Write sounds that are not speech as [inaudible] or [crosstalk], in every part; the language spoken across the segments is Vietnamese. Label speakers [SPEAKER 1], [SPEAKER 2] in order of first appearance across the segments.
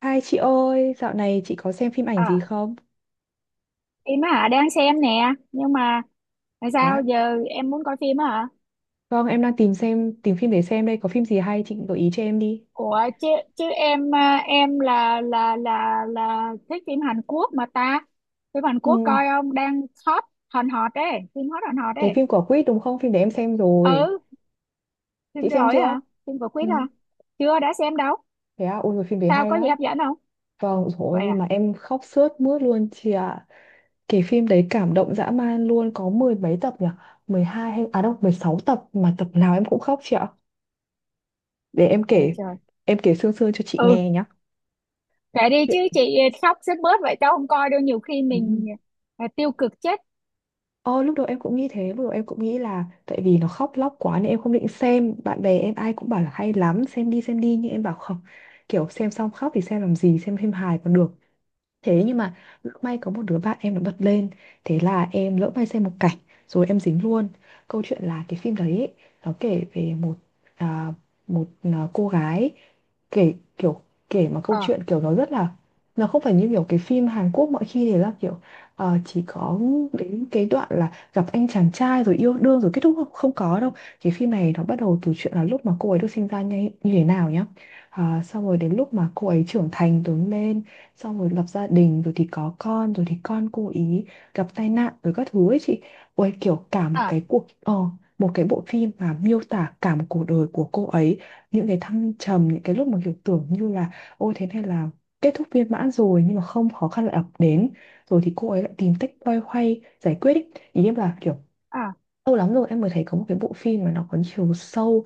[SPEAKER 1] Hai chị ơi, dạo này chị có xem phim ảnh gì
[SPEAKER 2] À,
[SPEAKER 1] không?
[SPEAKER 2] phim á hả? Đang xem nè. Nhưng mà tại
[SPEAKER 1] Thế
[SPEAKER 2] sao
[SPEAKER 1] à?
[SPEAKER 2] giờ em muốn coi phim á hả?
[SPEAKER 1] Vâng, em đang tìm xem tìm phim để xem đây, có phim gì hay chị gợi ý cho em đi.
[SPEAKER 2] Ủa chứ chứ em à, em là thích phim Hàn Quốc mà ta. Phim Hàn Quốc
[SPEAKER 1] Ừ,
[SPEAKER 2] coi không? Đang hot hòn hot đấy, phim hot hòn hot
[SPEAKER 1] cái
[SPEAKER 2] đấy.
[SPEAKER 1] phim của Quýt đúng không? Phim để em xem rồi.
[SPEAKER 2] Ừ, phim
[SPEAKER 1] Chị xem
[SPEAKER 2] rồi
[SPEAKER 1] chưa?
[SPEAKER 2] hả? Phim của
[SPEAKER 1] Ừ,
[SPEAKER 2] Quýt hả? Chưa đã xem đâu.
[SPEAKER 1] thế à, ôi rồi phim đấy
[SPEAKER 2] Sao
[SPEAKER 1] hay
[SPEAKER 2] có gì
[SPEAKER 1] lắm.
[SPEAKER 2] hấp dẫn không?
[SPEAKER 1] Vâng, rồi
[SPEAKER 2] Vậy
[SPEAKER 1] nhưng
[SPEAKER 2] à?
[SPEAKER 1] mà em khóc sướt mướt luôn chị ạ. Cái phim đấy cảm động dã man luôn, có mười mấy tập nhỉ? Mười hai hay đâu, 16 tập mà tập nào em cũng khóc chị ạ. Để
[SPEAKER 2] Trời trời.
[SPEAKER 1] em kể sương sương cho chị
[SPEAKER 2] Ừ,
[SPEAKER 1] nghe nhá.
[SPEAKER 2] kệ đi chứ
[SPEAKER 1] Chuyện-
[SPEAKER 2] chị, khóc sướt mướt vậy tao không coi đâu, nhiều khi
[SPEAKER 1] Ừ.
[SPEAKER 2] mình tiêu cực chết.
[SPEAKER 1] Ờ, lúc đầu em cũng nghĩ thế, lúc đầu em cũng nghĩ là tại vì nó khóc lóc quá nên em không định xem. Bạn bè em ai cũng bảo là hay lắm, xem đi nhưng em bảo không. Kiểu xem xong khóc thì xem làm gì, xem phim hài còn được. Thế nhưng mà lỡ may có một đứa bạn em nó bật lên. Thế là em lỡ may xem một cảnh. Rồi em dính luôn. Câu chuyện là cái phim đấy ấy, nó kể về một à, một cô gái. Kể, kiểu kể mà câu
[SPEAKER 2] Ờ,
[SPEAKER 1] chuyện kiểu nó rất là, nó không phải như kiểu cái phim Hàn Quốc mọi khi thì là kiểu chỉ có đến cái đoạn là gặp anh chàng trai rồi yêu đương rồi kết thúc không, không có đâu. Cái phim này nó bắt đầu từ chuyện là lúc mà cô ấy được sinh ra như thế nào nhá. Xong rồi đến lúc mà cô ấy trưởng thành lớn lên xong rồi lập gia đình rồi thì có con rồi thì con cô ý gặp tai nạn rồi các thứ ấy chị, ôi kiểu cả một
[SPEAKER 2] à
[SPEAKER 1] cái cuộc một cái bộ phim mà miêu tả cả một cuộc đời của cô ấy, những cái thăng trầm những cái lúc mà kiểu tưởng như là ôi thế này là kết thúc viên mãn rồi nhưng mà không, khó khăn lại ập đến rồi thì cô ấy lại tìm cách loay hoay giải quyết ý, ý em là kiểu
[SPEAKER 2] à
[SPEAKER 1] lâu lắm rồi em mới thấy có một cái bộ phim mà nó có chiều sâu,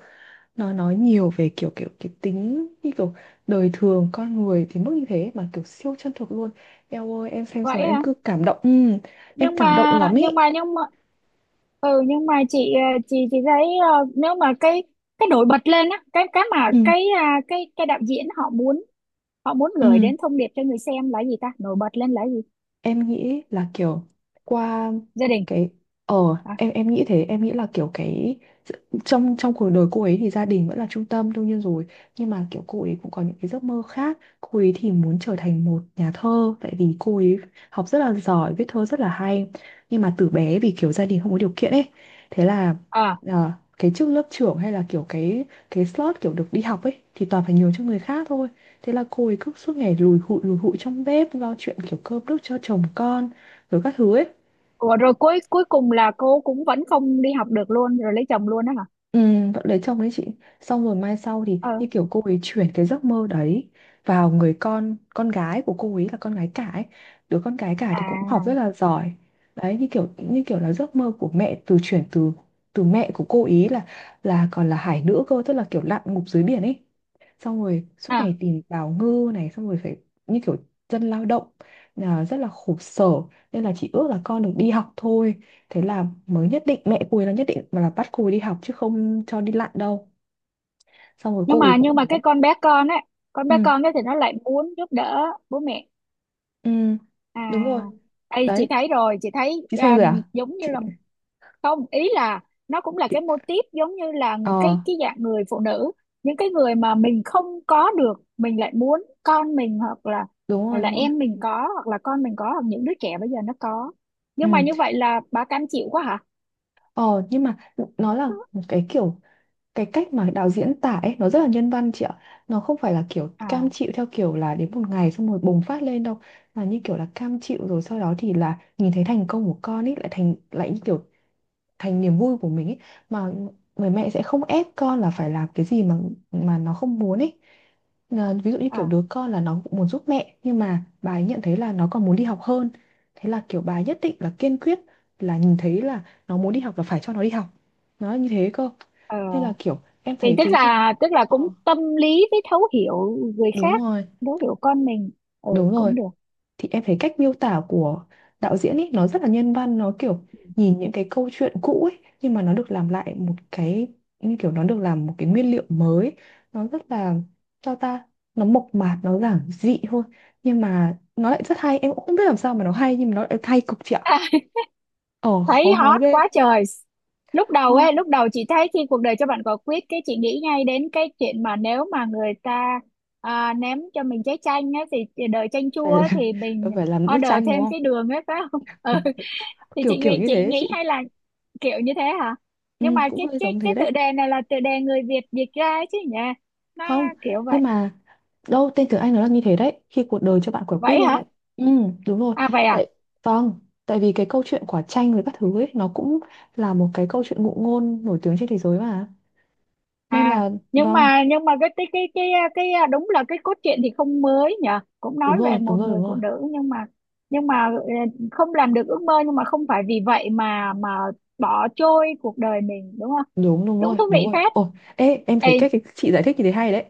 [SPEAKER 1] nó nói nhiều về kiểu kiểu cái tính như kiểu đời thường con người thì mức như thế mà kiểu siêu chân thực luôn. Em ơi em xem xong
[SPEAKER 2] vậy
[SPEAKER 1] em
[SPEAKER 2] hả?
[SPEAKER 1] cứ cảm động, ừ, em
[SPEAKER 2] nhưng
[SPEAKER 1] cảm động
[SPEAKER 2] mà
[SPEAKER 1] lắm ý.
[SPEAKER 2] nhưng mà nhưng mà ừ, nhưng mà chị chị thấy nếu mà cái nổi bật lên á, cái mà
[SPEAKER 1] Ừ
[SPEAKER 2] cái cái đạo diễn họ muốn, họ muốn gửi
[SPEAKER 1] ừ,
[SPEAKER 2] đến thông điệp cho người xem là gì ta, nổi bật lên là gì?
[SPEAKER 1] em nghĩ là kiểu qua
[SPEAKER 2] Gia đình
[SPEAKER 1] cái ờ
[SPEAKER 2] à?
[SPEAKER 1] em nghĩ thế, em nghĩ là kiểu cái trong trong cuộc đời cô ấy thì gia đình vẫn là trung tâm đương nhiên rồi, nhưng mà kiểu cô ấy cũng có những cái giấc mơ khác, cô ấy thì muốn trở thành một nhà thơ tại vì cô ấy học rất là giỏi, viết thơ rất là hay, nhưng mà từ bé vì kiểu gia đình không có điều kiện ấy, thế là
[SPEAKER 2] À,
[SPEAKER 1] ờ, cái chức lớp trưởng hay là kiểu cái slot kiểu được đi học ấy thì toàn phải nhường cho người khác thôi. Thế là cô ấy cứ suốt ngày lùi hụi trong bếp lo chuyện kiểu cơm nước cho chồng con rồi các thứ ấy.
[SPEAKER 2] ủa, rồi cuối cuối cùng là cô cũng vẫn không đi học được luôn, rồi lấy chồng luôn đó hả?
[SPEAKER 1] Ừ, vẫn lấy chồng đấy chị, xong rồi mai sau thì
[SPEAKER 2] Ờ.
[SPEAKER 1] như kiểu cô ấy chuyển cái giấc mơ đấy vào người con gái của cô ấy là con gái cả ấy, đứa con gái cả thì cũng học rất
[SPEAKER 2] À
[SPEAKER 1] là giỏi đấy, như kiểu là giấc mơ của mẹ từ chuyển từ từ mẹ của cô ý là còn là hải nữ cơ tức là kiểu lặn ngụp dưới biển ấy, xong rồi suốt
[SPEAKER 2] à.
[SPEAKER 1] ngày tìm bào ngư này xong rồi phải như kiểu dân lao động là rất là khổ sở, nên là chị ước là con được đi học thôi. Thế là mới nhất định, mẹ cô ấy là nhất định và là bắt cô ấy đi học chứ không cho đi lặn đâu. Xong rồi
[SPEAKER 2] Nhưng
[SPEAKER 1] cô ấy
[SPEAKER 2] mà
[SPEAKER 1] cũng
[SPEAKER 2] cái
[SPEAKER 1] đấy.
[SPEAKER 2] con bé con á, con
[SPEAKER 1] Ừ,
[SPEAKER 2] bé con ấy thì nó lại muốn giúp đỡ bố mẹ
[SPEAKER 1] ừ,
[SPEAKER 2] à?
[SPEAKER 1] đúng rồi.
[SPEAKER 2] Đây, chị
[SPEAKER 1] Đấy,
[SPEAKER 2] thấy rồi, chị thấy
[SPEAKER 1] chị xem
[SPEAKER 2] à,
[SPEAKER 1] rồi à?
[SPEAKER 2] giống như
[SPEAKER 1] Chị,
[SPEAKER 2] là, không, ý là nó cũng là cái
[SPEAKER 1] chị...
[SPEAKER 2] mô típ giống như là
[SPEAKER 1] Ờ,
[SPEAKER 2] một cái dạng người phụ nữ, những cái người mà mình không có được, mình lại muốn con mình, hoặc là,
[SPEAKER 1] đúng
[SPEAKER 2] hoặc
[SPEAKER 1] rồi,
[SPEAKER 2] là
[SPEAKER 1] đúng rồi.
[SPEAKER 2] em mình có, hoặc là con mình có, hoặc những đứa trẻ bây giờ nó có.
[SPEAKER 1] Ừ.
[SPEAKER 2] Nhưng mà như vậy là bà cam chịu quá hả?
[SPEAKER 1] Ờ, nhưng mà nó là một cái kiểu, cái cách mà đạo diễn tả ấy nó rất là nhân văn chị ạ. Nó không phải là kiểu cam
[SPEAKER 2] À
[SPEAKER 1] chịu theo kiểu là đến một ngày xong rồi bùng phát lên đâu, mà như kiểu là cam chịu rồi sau đó thì là nhìn thấy thành công của con ấy lại thành lại như kiểu thành niềm vui của mình ấy, mà người mẹ sẽ không ép con là phải làm cái gì mà nó không muốn ấy. Ờ, ví dụ như kiểu
[SPEAKER 2] à.
[SPEAKER 1] đứa con là nó cũng muốn giúp mẹ nhưng mà bà ấy nhận thấy là nó còn muốn đi học hơn, thế là kiểu bà ấy nhất định là kiên quyết, là nhìn thấy là nó muốn đi học là phải cho nó đi học, nó như thế cơ,
[SPEAKER 2] Ờ.
[SPEAKER 1] nên là kiểu em
[SPEAKER 2] Thì
[SPEAKER 1] thấy
[SPEAKER 2] tức
[SPEAKER 1] cái,
[SPEAKER 2] là tức là
[SPEAKER 1] ờ,
[SPEAKER 2] cũng tâm lý với thấu hiểu người
[SPEAKER 1] đúng
[SPEAKER 2] khác,
[SPEAKER 1] rồi
[SPEAKER 2] thấu hiểu con mình, ừ
[SPEAKER 1] đúng
[SPEAKER 2] cũng
[SPEAKER 1] rồi,
[SPEAKER 2] được.
[SPEAKER 1] thì em thấy cách miêu tả của đạo diễn ấy nó rất là nhân văn, nó kiểu nhìn những cái câu chuyện cũ ấy nhưng mà nó được làm lại một cái, như kiểu nó được làm một cái nguyên liệu mới, nó rất là cho ta, nó mộc mạc nó giản dị thôi nhưng mà nó lại rất hay, em cũng không biết làm sao mà nó hay nhưng mà nó lại hay cực chị ạ.
[SPEAKER 2] [laughs]
[SPEAKER 1] Ờ
[SPEAKER 2] Thấy
[SPEAKER 1] khó nói
[SPEAKER 2] hot
[SPEAKER 1] ghê.
[SPEAKER 2] quá trời.
[SPEAKER 1] Ờ,
[SPEAKER 2] Lúc đầu chị thấy khi cuộc đời cho bạn quả quýt, cái chị nghĩ ngay đến cái chuyện mà nếu mà người ta ném cho mình trái chanh á, thì đời chanh chua
[SPEAKER 1] phải,
[SPEAKER 2] á, thì mình
[SPEAKER 1] [laughs] phải làm nước
[SPEAKER 2] order
[SPEAKER 1] chanh đúng
[SPEAKER 2] thêm
[SPEAKER 1] không,
[SPEAKER 2] cái đường ấy phải không? [laughs] Ừ, thì
[SPEAKER 1] kiểu kiểu như thế
[SPEAKER 2] chị
[SPEAKER 1] ấy chị.
[SPEAKER 2] nghĩ hay là kiểu như thế hả?
[SPEAKER 1] Ừ,
[SPEAKER 2] Nhưng mà
[SPEAKER 1] cũng
[SPEAKER 2] cái
[SPEAKER 1] hơi
[SPEAKER 2] cái
[SPEAKER 1] giống
[SPEAKER 2] cái
[SPEAKER 1] thế đấy.
[SPEAKER 2] tựa đề này là tựa đề người Việt dịch ra chứ nhỉ, nó
[SPEAKER 1] Không,
[SPEAKER 2] kiểu vậy.
[SPEAKER 1] nhưng mà đâu, tên tiếng Anh nó là như thế đấy, khi cuộc đời cho bạn quả quýt
[SPEAKER 2] Vậy
[SPEAKER 1] luôn
[SPEAKER 2] hả?
[SPEAKER 1] đấy. Ừ, đúng rồi.
[SPEAKER 2] À vậy à.
[SPEAKER 1] Tại, vâng, tại vì cái câu chuyện quả chanh với các thứ ấy nó cũng là một cái câu chuyện ngụ ngôn nổi tiếng trên thế giới mà, nên
[SPEAKER 2] À.
[SPEAKER 1] là
[SPEAKER 2] Nhưng
[SPEAKER 1] vâng,
[SPEAKER 2] mà cái đúng là cái cốt truyện thì không mới nhở, cũng nói
[SPEAKER 1] đúng
[SPEAKER 2] về
[SPEAKER 1] rồi đúng
[SPEAKER 2] một
[SPEAKER 1] rồi
[SPEAKER 2] người
[SPEAKER 1] đúng
[SPEAKER 2] phụ
[SPEAKER 1] rồi,
[SPEAKER 2] nữ, nhưng mà ờ, không làm được ước mơ, nhưng mà không phải vì vậy mà bỏ trôi cuộc đời mình đúng không?
[SPEAKER 1] đúng đúng
[SPEAKER 2] Cũng
[SPEAKER 1] rồi
[SPEAKER 2] thú
[SPEAKER 1] đúng
[SPEAKER 2] vị
[SPEAKER 1] rồi,
[SPEAKER 2] phết.
[SPEAKER 1] ồ ê em thấy
[SPEAKER 2] Ê.
[SPEAKER 1] cái chị giải thích như thế hay đấy.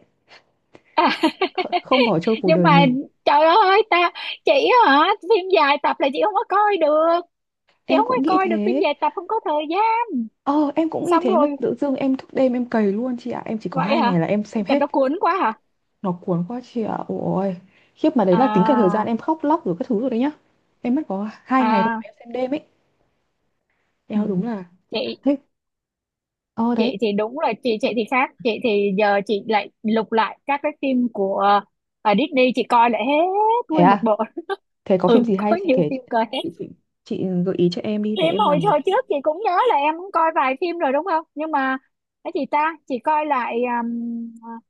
[SPEAKER 2] [laughs]
[SPEAKER 1] Không bỏ trôi cuộc
[SPEAKER 2] Nhưng
[SPEAKER 1] đời
[SPEAKER 2] mà
[SPEAKER 1] mình.
[SPEAKER 2] trời ơi ta. Chị, hả, phim dài tập là chị không có coi được, chị
[SPEAKER 1] Em
[SPEAKER 2] không có
[SPEAKER 1] cũng nghĩ
[SPEAKER 2] coi được phim
[SPEAKER 1] thế.
[SPEAKER 2] dài tập, không có thời gian.
[SPEAKER 1] Ờ em cũng nghĩ
[SPEAKER 2] Xong
[SPEAKER 1] thế mà
[SPEAKER 2] rồi,
[SPEAKER 1] tự dưng em thức đêm em cày luôn chị ạ, em chỉ có
[SPEAKER 2] vậy
[SPEAKER 1] hai
[SPEAKER 2] hả,
[SPEAKER 1] ngày là em xem
[SPEAKER 2] tại
[SPEAKER 1] hết.
[SPEAKER 2] nó cuốn quá hả?
[SPEAKER 1] Nó cuốn quá chị ạ, ôi khiếp, mà đấy là tính cả thời gian
[SPEAKER 2] À
[SPEAKER 1] em khóc lóc rồi các thứ rồi đấy nhá, em mất có hai ngày thôi mà
[SPEAKER 2] à.
[SPEAKER 1] em xem đêm ấy, eo
[SPEAKER 2] Ừ.
[SPEAKER 1] đúng là.
[SPEAKER 2] Chị
[SPEAKER 1] Thế ờ
[SPEAKER 2] chị
[SPEAKER 1] đấy,
[SPEAKER 2] thì đúng là chị thì khác, chị thì giờ chị lại lục lại các cái phim của ờ, Disney, chị coi lại hết
[SPEAKER 1] thế
[SPEAKER 2] nguyên một
[SPEAKER 1] à,
[SPEAKER 2] bộ.
[SPEAKER 1] thế có phim
[SPEAKER 2] Ừ,
[SPEAKER 1] gì
[SPEAKER 2] [laughs] có
[SPEAKER 1] hay thì
[SPEAKER 2] nhiều
[SPEAKER 1] kể,
[SPEAKER 2] phim coi hết.
[SPEAKER 1] chị, chị gợi ý cho em đi để
[SPEAKER 2] Em
[SPEAKER 1] em
[SPEAKER 2] hồi
[SPEAKER 1] làm một
[SPEAKER 2] hồi trước chị cũng nhớ là em cũng coi vài phim rồi đúng không, nhưng mà cái gì ta chị coi lại, um,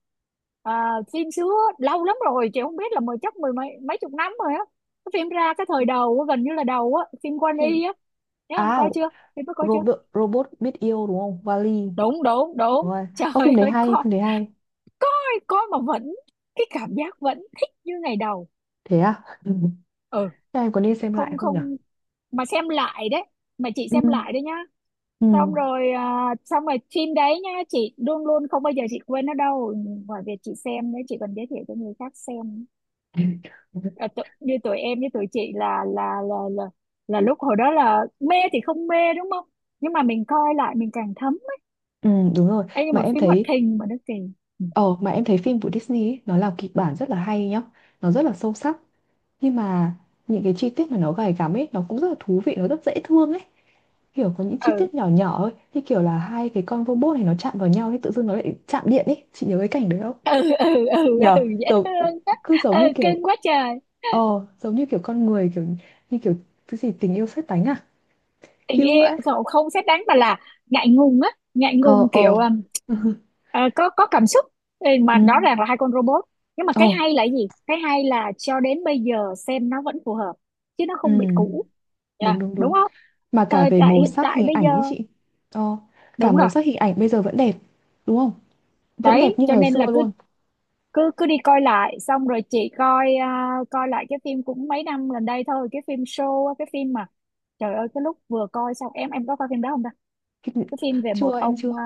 [SPEAKER 2] ờ, phim xưa. Lâu lắm rồi chị không biết là mười, chắc mười mấy, mấy chục năm rồi á, cái phim ra cái thời đầu á, gần như là đầu á, phim Quan
[SPEAKER 1] phim.
[SPEAKER 2] Y á, nhớ không,
[SPEAKER 1] À,
[SPEAKER 2] coi chưa? Phim đó coi chưa?
[SPEAKER 1] robot robot biết yêu đúng không, vali e,
[SPEAKER 2] Đúng đúng
[SPEAKER 1] đúng
[SPEAKER 2] đúng.
[SPEAKER 1] rồi.
[SPEAKER 2] [laughs] Trời
[SPEAKER 1] Ơ, phim đấy
[SPEAKER 2] ơi,
[SPEAKER 1] hay,
[SPEAKER 2] coi
[SPEAKER 1] phim đấy hay.
[SPEAKER 2] coi, coi, mà vẫn cái cảm giác vẫn thích như ngày đầu.
[SPEAKER 1] Thế à? [laughs] Ừ.
[SPEAKER 2] Ừ.
[SPEAKER 1] Thế em có nên xem lại
[SPEAKER 2] Không
[SPEAKER 1] không nhỉ?
[SPEAKER 2] không, mà xem lại đấy, mà chị
[SPEAKER 1] Ừ
[SPEAKER 2] xem lại đấy nhá.
[SPEAKER 1] ừ.
[SPEAKER 2] Xong rồi xong rồi phim đấy nhá, chị luôn luôn không bao giờ chị quên nó đâu. Ngoài việc chị xem đấy, chị còn giới thiệu cho người khác xem.
[SPEAKER 1] [laughs]
[SPEAKER 2] À, tụ, như tụi em với tụi chị là là là là lúc hồi đó là mê thì không mê đúng không, nhưng mà mình coi lại mình càng thấm.
[SPEAKER 1] Ừ, đúng rồi.
[SPEAKER 2] Ấy, nhưng
[SPEAKER 1] Mà
[SPEAKER 2] mà
[SPEAKER 1] em
[SPEAKER 2] phim hoạt
[SPEAKER 1] thấy,
[SPEAKER 2] hình mà nó kỳ.
[SPEAKER 1] ờ mà em thấy phim của Disney ấy, nó làm kịch bản rất là hay nhá, nó rất là sâu sắc. Nhưng mà những cái chi tiết mà nó gay gắm ấy, nó cũng rất là thú vị, nó rất dễ thương ấy. Kiểu có những chi
[SPEAKER 2] ừ
[SPEAKER 1] tiết nhỏ nhỏ ấy, như kiểu là hai cái con robot này nó chạm vào nhau thì tự dưng nó lại chạm điện ấy. Chị nhớ cái cảnh đấy không?
[SPEAKER 2] ừ ừ ừ, ừ,
[SPEAKER 1] Nhờ,
[SPEAKER 2] ừ, dễ
[SPEAKER 1] giống,
[SPEAKER 2] thương á.
[SPEAKER 1] cứ giống
[SPEAKER 2] Ừ
[SPEAKER 1] như kiểu,
[SPEAKER 2] cưng quá trời.
[SPEAKER 1] ờ, giống như kiểu con người, kiểu như kiểu cái gì tình yêu sét đánh à?
[SPEAKER 2] Tình
[SPEAKER 1] Cute
[SPEAKER 2] yêu
[SPEAKER 1] vậy.
[SPEAKER 2] cậu không xét đánh mà là ngại ngùng á, ngại ngùng
[SPEAKER 1] Ờ, ờ.
[SPEAKER 2] kiểu
[SPEAKER 1] [laughs]
[SPEAKER 2] ờ, có cảm xúc. Ừ, mà
[SPEAKER 1] Ừ.
[SPEAKER 2] rõ ràng là hai con robot. Nhưng mà cái
[SPEAKER 1] Ờ,
[SPEAKER 2] hay là cái gì, cái hay là cho đến bây giờ xem nó vẫn phù hợp, chứ nó không bị
[SPEAKER 1] ừ.
[SPEAKER 2] cũ. Dạ,
[SPEAKER 1] Đúng, đúng,
[SPEAKER 2] đúng
[SPEAKER 1] đúng.
[SPEAKER 2] không,
[SPEAKER 1] Mà cả
[SPEAKER 2] thời
[SPEAKER 1] về
[SPEAKER 2] đại
[SPEAKER 1] màu
[SPEAKER 2] hiện
[SPEAKER 1] sắc
[SPEAKER 2] tại
[SPEAKER 1] hình
[SPEAKER 2] bây
[SPEAKER 1] ảnh
[SPEAKER 2] giờ.
[SPEAKER 1] ấy chị. Ờ, cả
[SPEAKER 2] Đúng
[SPEAKER 1] màu
[SPEAKER 2] rồi.
[SPEAKER 1] sắc hình ảnh bây giờ vẫn đẹp, đúng không? Vẫn đẹp
[SPEAKER 2] Đấy
[SPEAKER 1] như
[SPEAKER 2] cho
[SPEAKER 1] ngày
[SPEAKER 2] nên
[SPEAKER 1] xưa
[SPEAKER 2] là cứ
[SPEAKER 1] luôn.
[SPEAKER 2] cứ cứ đi coi lại. Xong rồi chị coi coi lại cái phim cũng mấy năm gần đây thôi, cái phim show á, cái phim mà trời ơi cái lúc vừa coi xong, em có coi phim đó không ta?
[SPEAKER 1] Cái-
[SPEAKER 2] Cái phim về một
[SPEAKER 1] Chưa em
[SPEAKER 2] ông
[SPEAKER 1] chưa,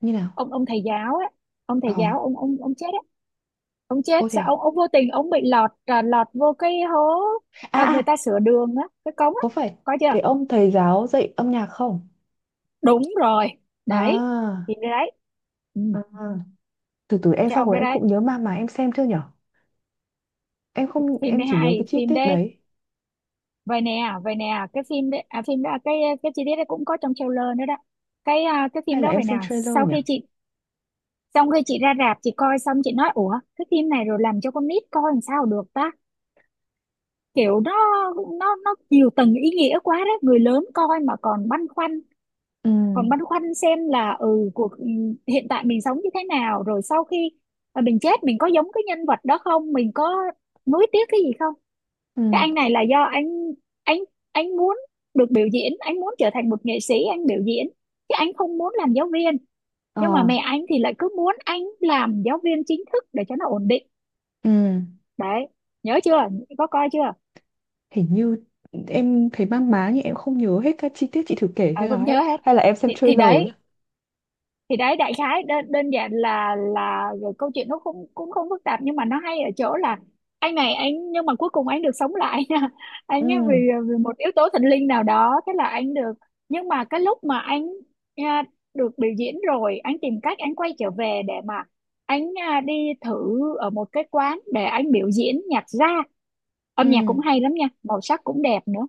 [SPEAKER 1] như nào?
[SPEAKER 2] ông thầy giáo ấy, ông
[SPEAKER 1] Ờ
[SPEAKER 2] thầy giáo ông chết ấy, ông chết
[SPEAKER 1] ô thế
[SPEAKER 2] sao,
[SPEAKER 1] à,
[SPEAKER 2] ông vô tình ông bị lọt lọt vô cái hố.
[SPEAKER 1] à
[SPEAKER 2] À, người
[SPEAKER 1] à,
[SPEAKER 2] ta sửa đường á, cái cống á,
[SPEAKER 1] có phải
[SPEAKER 2] có chưa?
[SPEAKER 1] cái ông thầy giáo dạy âm nhạc không?
[SPEAKER 2] Đúng rồi đấy,
[SPEAKER 1] À,
[SPEAKER 2] phim đấy đấy. Ừ.
[SPEAKER 1] à, à. Từ từ em,
[SPEAKER 2] Cái
[SPEAKER 1] xong
[SPEAKER 2] ông
[SPEAKER 1] rồi
[SPEAKER 2] đấy
[SPEAKER 1] em
[SPEAKER 2] đấy,
[SPEAKER 1] cũng nhớ mà em xem chưa nhở, em không,
[SPEAKER 2] phim
[SPEAKER 1] em
[SPEAKER 2] đấy
[SPEAKER 1] chỉ nhớ
[SPEAKER 2] hay
[SPEAKER 1] cái chi
[SPEAKER 2] phim
[SPEAKER 1] tiết
[SPEAKER 2] đấy.
[SPEAKER 1] đấy,
[SPEAKER 2] Vậy nè, vậy nè, cái phim đấy phim đó, cái chi tiết đấy cũng có trong trailer nữa đó. Cái cái phim
[SPEAKER 1] hay là
[SPEAKER 2] đó
[SPEAKER 1] em
[SPEAKER 2] vậy nè,
[SPEAKER 1] xem trailer
[SPEAKER 2] sau khi
[SPEAKER 1] nhở.
[SPEAKER 2] chị xong, khi chị ra rạp chị coi xong chị nói ủa, cái phim này rồi làm cho con nít coi làm sao được ta? Kiểu nó, nó nhiều tầng ý nghĩa quá đấy, người lớn coi mà còn băn khoăn,
[SPEAKER 1] Ừ
[SPEAKER 2] còn băn khoăn xem là ừ, cuộc ừ, hiện tại mình sống như thế nào, rồi sau khi mà mình chết mình có giống cái nhân vật đó không, mình có nuối tiếc cái gì không. Cái
[SPEAKER 1] ừ
[SPEAKER 2] anh này là do anh anh muốn được biểu diễn, anh muốn trở thành một nghệ sĩ, anh biểu diễn chứ anh không muốn làm giáo viên.
[SPEAKER 1] ờ
[SPEAKER 2] Nhưng mà mẹ anh thì lại cứ muốn anh làm giáo viên chính thức để cho nó ổn định.
[SPEAKER 1] ừ.
[SPEAKER 2] Đấy, nhớ chưa, có coi chưa?
[SPEAKER 1] Hình như em thấy mang má nhưng em không nhớ hết các chi tiết, chị thử kể
[SPEAKER 2] À,
[SPEAKER 1] thế
[SPEAKER 2] không
[SPEAKER 1] nào ấy,
[SPEAKER 2] nhớ hết.
[SPEAKER 1] hay là em xem
[SPEAKER 2] Thì
[SPEAKER 1] trailer
[SPEAKER 2] đấy,
[SPEAKER 1] nhỉ?
[SPEAKER 2] thì đấy, đại khái đơn, đơn giản là rồi câu chuyện nó cũng cũng không phức tạp, nhưng mà nó hay ở chỗ là anh này anh, nhưng mà cuối cùng anh được sống lại [laughs] nha.
[SPEAKER 1] Ừ
[SPEAKER 2] Anh ấy vì, vì một yếu tố thần linh nào đó, thế là anh được. Nhưng mà cái lúc mà anh à, được biểu diễn rồi, anh tìm cách anh quay trở về để mà anh đi thử ở một cái quán để anh biểu diễn nhạc ra. Âm nhạc
[SPEAKER 1] ừ
[SPEAKER 2] cũng hay lắm nha, màu sắc cũng đẹp nữa.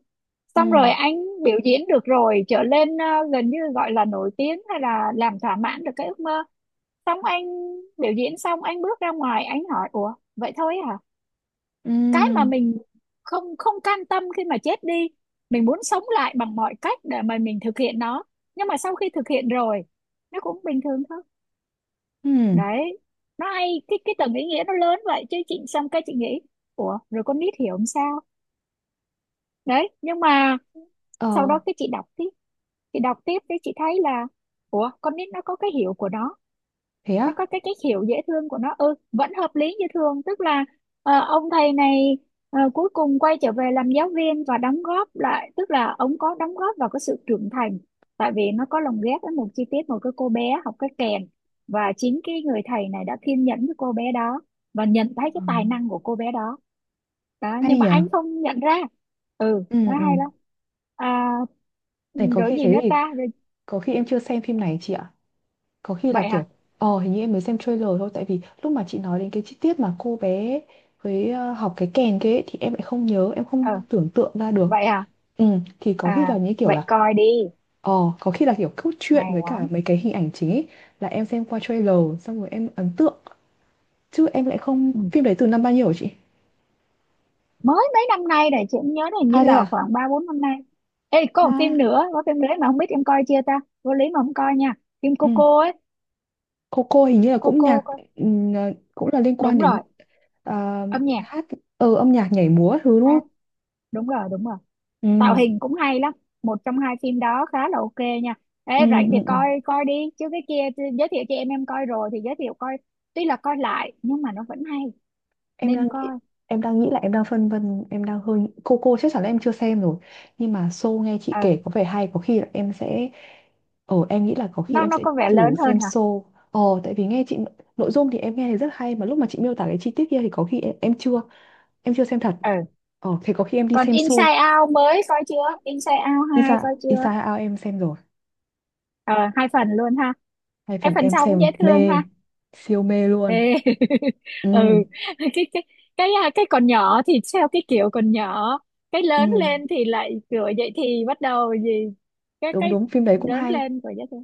[SPEAKER 2] Xong
[SPEAKER 1] ừ
[SPEAKER 2] rồi anh biểu diễn được rồi, trở lên ờ, gần như gọi là nổi tiếng, hay là làm thỏa mãn được cái ước mơ. Xong anh biểu diễn xong, anh bước ra ngoài, anh hỏi ủa vậy thôi hả? Cái mà
[SPEAKER 1] ừ
[SPEAKER 2] mình không không cam tâm khi mà chết đi, mình muốn sống lại bằng mọi cách để mà mình thực hiện nó. Nhưng mà sau khi thực hiện rồi, nó cũng bình thường thôi.
[SPEAKER 1] ừ.
[SPEAKER 2] Đấy. Nó hay, cái tầng ý nghĩa nó lớn vậy. Chứ chị xong, cái chị nghĩ ủa rồi con nít hiểu không sao. Đấy, nhưng mà
[SPEAKER 1] Ờ
[SPEAKER 2] sau đó cái chị đọc tiếp, thì đọc tiếp thì chị thấy là ủa con nít nó có cái hiểu của nó
[SPEAKER 1] thế
[SPEAKER 2] nó
[SPEAKER 1] á.
[SPEAKER 2] có cái cách hiểu dễ thương của nó, ừ vẫn hợp lý như thường. Tức là ờ, ông thầy này ờ, cuối cùng quay trở về làm giáo viên và đóng góp lại, tức là ông có đóng góp vào cái sự trưởng thành. Tại vì nó có lồng ghép với một chi tiết, một cái cô bé học cái kèn, và chính cái người thầy này đã kiên nhẫn với cô bé đó, và nhận thấy cái
[SPEAKER 1] Ừ.
[SPEAKER 2] tài năng của cô bé đó đó. Nhưng
[SPEAKER 1] Hay
[SPEAKER 2] mà
[SPEAKER 1] nhỉ.
[SPEAKER 2] anh không nhận ra. Ừ nó
[SPEAKER 1] Ừ, ừ.
[SPEAKER 2] hay lắm. À,
[SPEAKER 1] Này
[SPEAKER 2] ừ,
[SPEAKER 1] có
[SPEAKER 2] rồi
[SPEAKER 1] khi
[SPEAKER 2] gì nữa
[SPEAKER 1] thế thì
[SPEAKER 2] ta. Rồi,
[SPEAKER 1] có khi em chưa xem phim này chị ạ. Có khi là
[SPEAKER 2] vậy
[SPEAKER 1] kiểu
[SPEAKER 2] hả.
[SPEAKER 1] ờ hình như em mới xem trailer thôi, tại vì lúc mà chị nói đến cái chi tiết mà cô bé với ờ, học cái kèn kia ấy, thì em lại không nhớ, em không
[SPEAKER 2] Ờ,
[SPEAKER 1] tưởng tượng ra được.
[SPEAKER 2] vậy à.
[SPEAKER 1] Ừ, thì có khi
[SPEAKER 2] À,
[SPEAKER 1] là như kiểu
[SPEAKER 2] vậy
[SPEAKER 1] là
[SPEAKER 2] coi đi,
[SPEAKER 1] ờ, có khi là kiểu cốt truyện
[SPEAKER 2] hay
[SPEAKER 1] với cả
[SPEAKER 2] lắm.
[SPEAKER 1] mấy cái hình ảnh chính ấy là em xem qua trailer, xong rồi em ấn tượng, chứ em lại không,
[SPEAKER 2] Ừ.
[SPEAKER 1] phim đấy từ năm bao nhiêu hả chị?
[SPEAKER 2] Mới mấy năm nay này, chị cũng nhớ là hình như
[SPEAKER 1] À thế
[SPEAKER 2] là
[SPEAKER 1] à?
[SPEAKER 2] khoảng ba bốn năm nay. Ê, có một
[SPEAKER 1] À
[SPEAKER 2] phim nữa, có phim đấy mà không biết em coi chưa ta, vô lý mà không coi nha, phim
[SPEAKER 1] ừ.
[SPEAKER 2] Coco ấy.
[SPEAKER 1] Cô hình như là cũng
[SPEAKER 2] Coco
[SPEAKER 1] nhạc,
[SPEAKER 2] coi.
[SPEAKER 1] ừ, ờ, cũng là liên quan
[SPEAKER 2] Đúng
[SPEAKER 1] đến
[SPEAKER 2] rồi,
[SPEAKER 1] ờ,
[SPEAKER 2] âm nhạc.
[SPEAKER 1] hát, ừ, âm nhạc nhảy múa thứ đúng
[SPEAKER 2] À,
[SPEAKER 1] không?
[SPEAKER 2] đúng rồi đúng rồi. Tạo
[SPEAKER 1] Ừ.
[SPEAKER 2] hình cũng hay lắm. Một trong hai phim đó khá là ok nha. Ê
[SPEAKER 1] Ừ,
[SPEAKER 2] rảnh thì
[SPEAKER 1] ừ, ừ.
[SPEAKER 2] coi coi đi. Chứ cái kia thì giới thiệu cho em coi rồi, thì giới thiệu coi, tuy là coi lại nhưng mà nó vẫn hay,
[SPEAKER 1] Em
[SPEAKER 2] nên
[SPEAKER 1] đang
[SPEAKER 2] coi.
[SPEAKER 1] nghĩ, em đang nghĩ là em đang phân vân, em đang hơi, cô chắc chắn là em chưa xem rồi, nhưng mà show nghe chị
[SPEAKER 2] Ờ,
[SPEAKER 1] kể có vẻ hay có khi là em sẽ ờ em nghĩ là có khi em
[SPEAKER 2] nó
[SPEAKER 1] sẽ
[SPEAKER 2] có vẻ
[SPEAKER 1] thử
[SPEAKER 2] lớn hơn
[SPEAKER 1] xem
[SPEAKER 2] hả?
[SPEAKER 1] show. Ờ tại vì nghe chị, nội dung thì em nghe thì rất hay mà lúc mà chị miêu tả cái chi tiết kia thì có khi em chưa, em chưa xem thật.
[SPEAKER 2] Ừ,
[SPEAKER 1] Ờ thế có khi em đi
[SPEAKER 2] còn
[SPEAKER 1] xem show.
[SPEAKER 2] Inside Out mới coi chưa, Inside Out hai
[SPEAKER 1] Isa
[SPEAKER 2] coi
[SPEAKER 1] Isa
[SPEAKER 2] chưa?
[SPEAKER 1] Ao em xem rồi.
[SPEAKER 2] Ờ, hai phần luôn ha.
[SPEAKER 1] Hai
[SPEAKER 2] Cái
[SPEAKER 1] phần
[SPEAKER 2] phần
[SPEAKER 1] em
[SPEAKER 2] sau
[SPEAKER 1] xem
[SPEAKER 2] cũng dễ thương ha.
[SPEAKER 1] mê, siêu mê luôn.
[SPEAKER 2] Ê. [laughs]
[SPEAKER 1] Ừ
[SPEAKER 2] Ừ. Cái cái còn nhỏ thì theo cái kiểu còn nhỏ, cái
[SPEAKER 1] ừ.
[SPEAKER 2] lớn lên thì lại kiểu vậy thì bắt đầu gì.
[SPEAKER 1] Đúng
[SPEAKER 2] Cái
[SPEAKER 1] đúng, phim đấy cũng
[SPEAKER 2] Lớn
[SPEAKER 1] hay.
[SPEAKER 2] lên của dễ thương.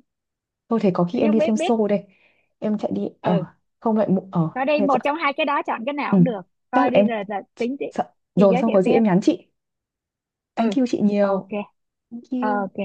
[SPEAKER 1] Thôi thế có khi em
[SPEAKER 2] Nhưng
[SPEAKER 1] đi
[SPEAKER 2] biết
[SPEAKER 1] xem
[SPEAKER 2] biết.
[SPEAKER 1] show đây, em chạy đi ờ,
[SPEAKER 2] Ừ,
[SPEAKER 1] không lại ờ,
[SPEAKER 2] coi đi,
[SPEAKER 1] thế
[SPEAKER 2] một
[SPEAKER 1] sợ,
[SPEAKER 2] trong hai cái đó chọn cái nào
[SPEAKER 1] ừ,
[SPEAKER 2] cũng được.
[SPEAKER 1] chắc là
[SPEAKER 2] Coi đi
[SPEAKER 1] em,
[SPEAKER 2] rồi là tính tiếp,
[SPEAKER 1] sợ
[SPEAKER 2] chị
[SPEAKER 1] rồi,
[SPEAKER 2] giới
[SPEAKER 1] xong
[SPEAKER 2] thiệu
[SPEAKER 1] có gì
[SPEAKER 2] tiếp.
[SPEAKER 1] em nhắn chị.
[SPEAKER 2] Ừ,
[SPEAKER 1] Thank you chị
[SPEAKER 2] ok.
[SPEAKER 1] nhiều. Thank you.
[SPEAKER 2] Ok.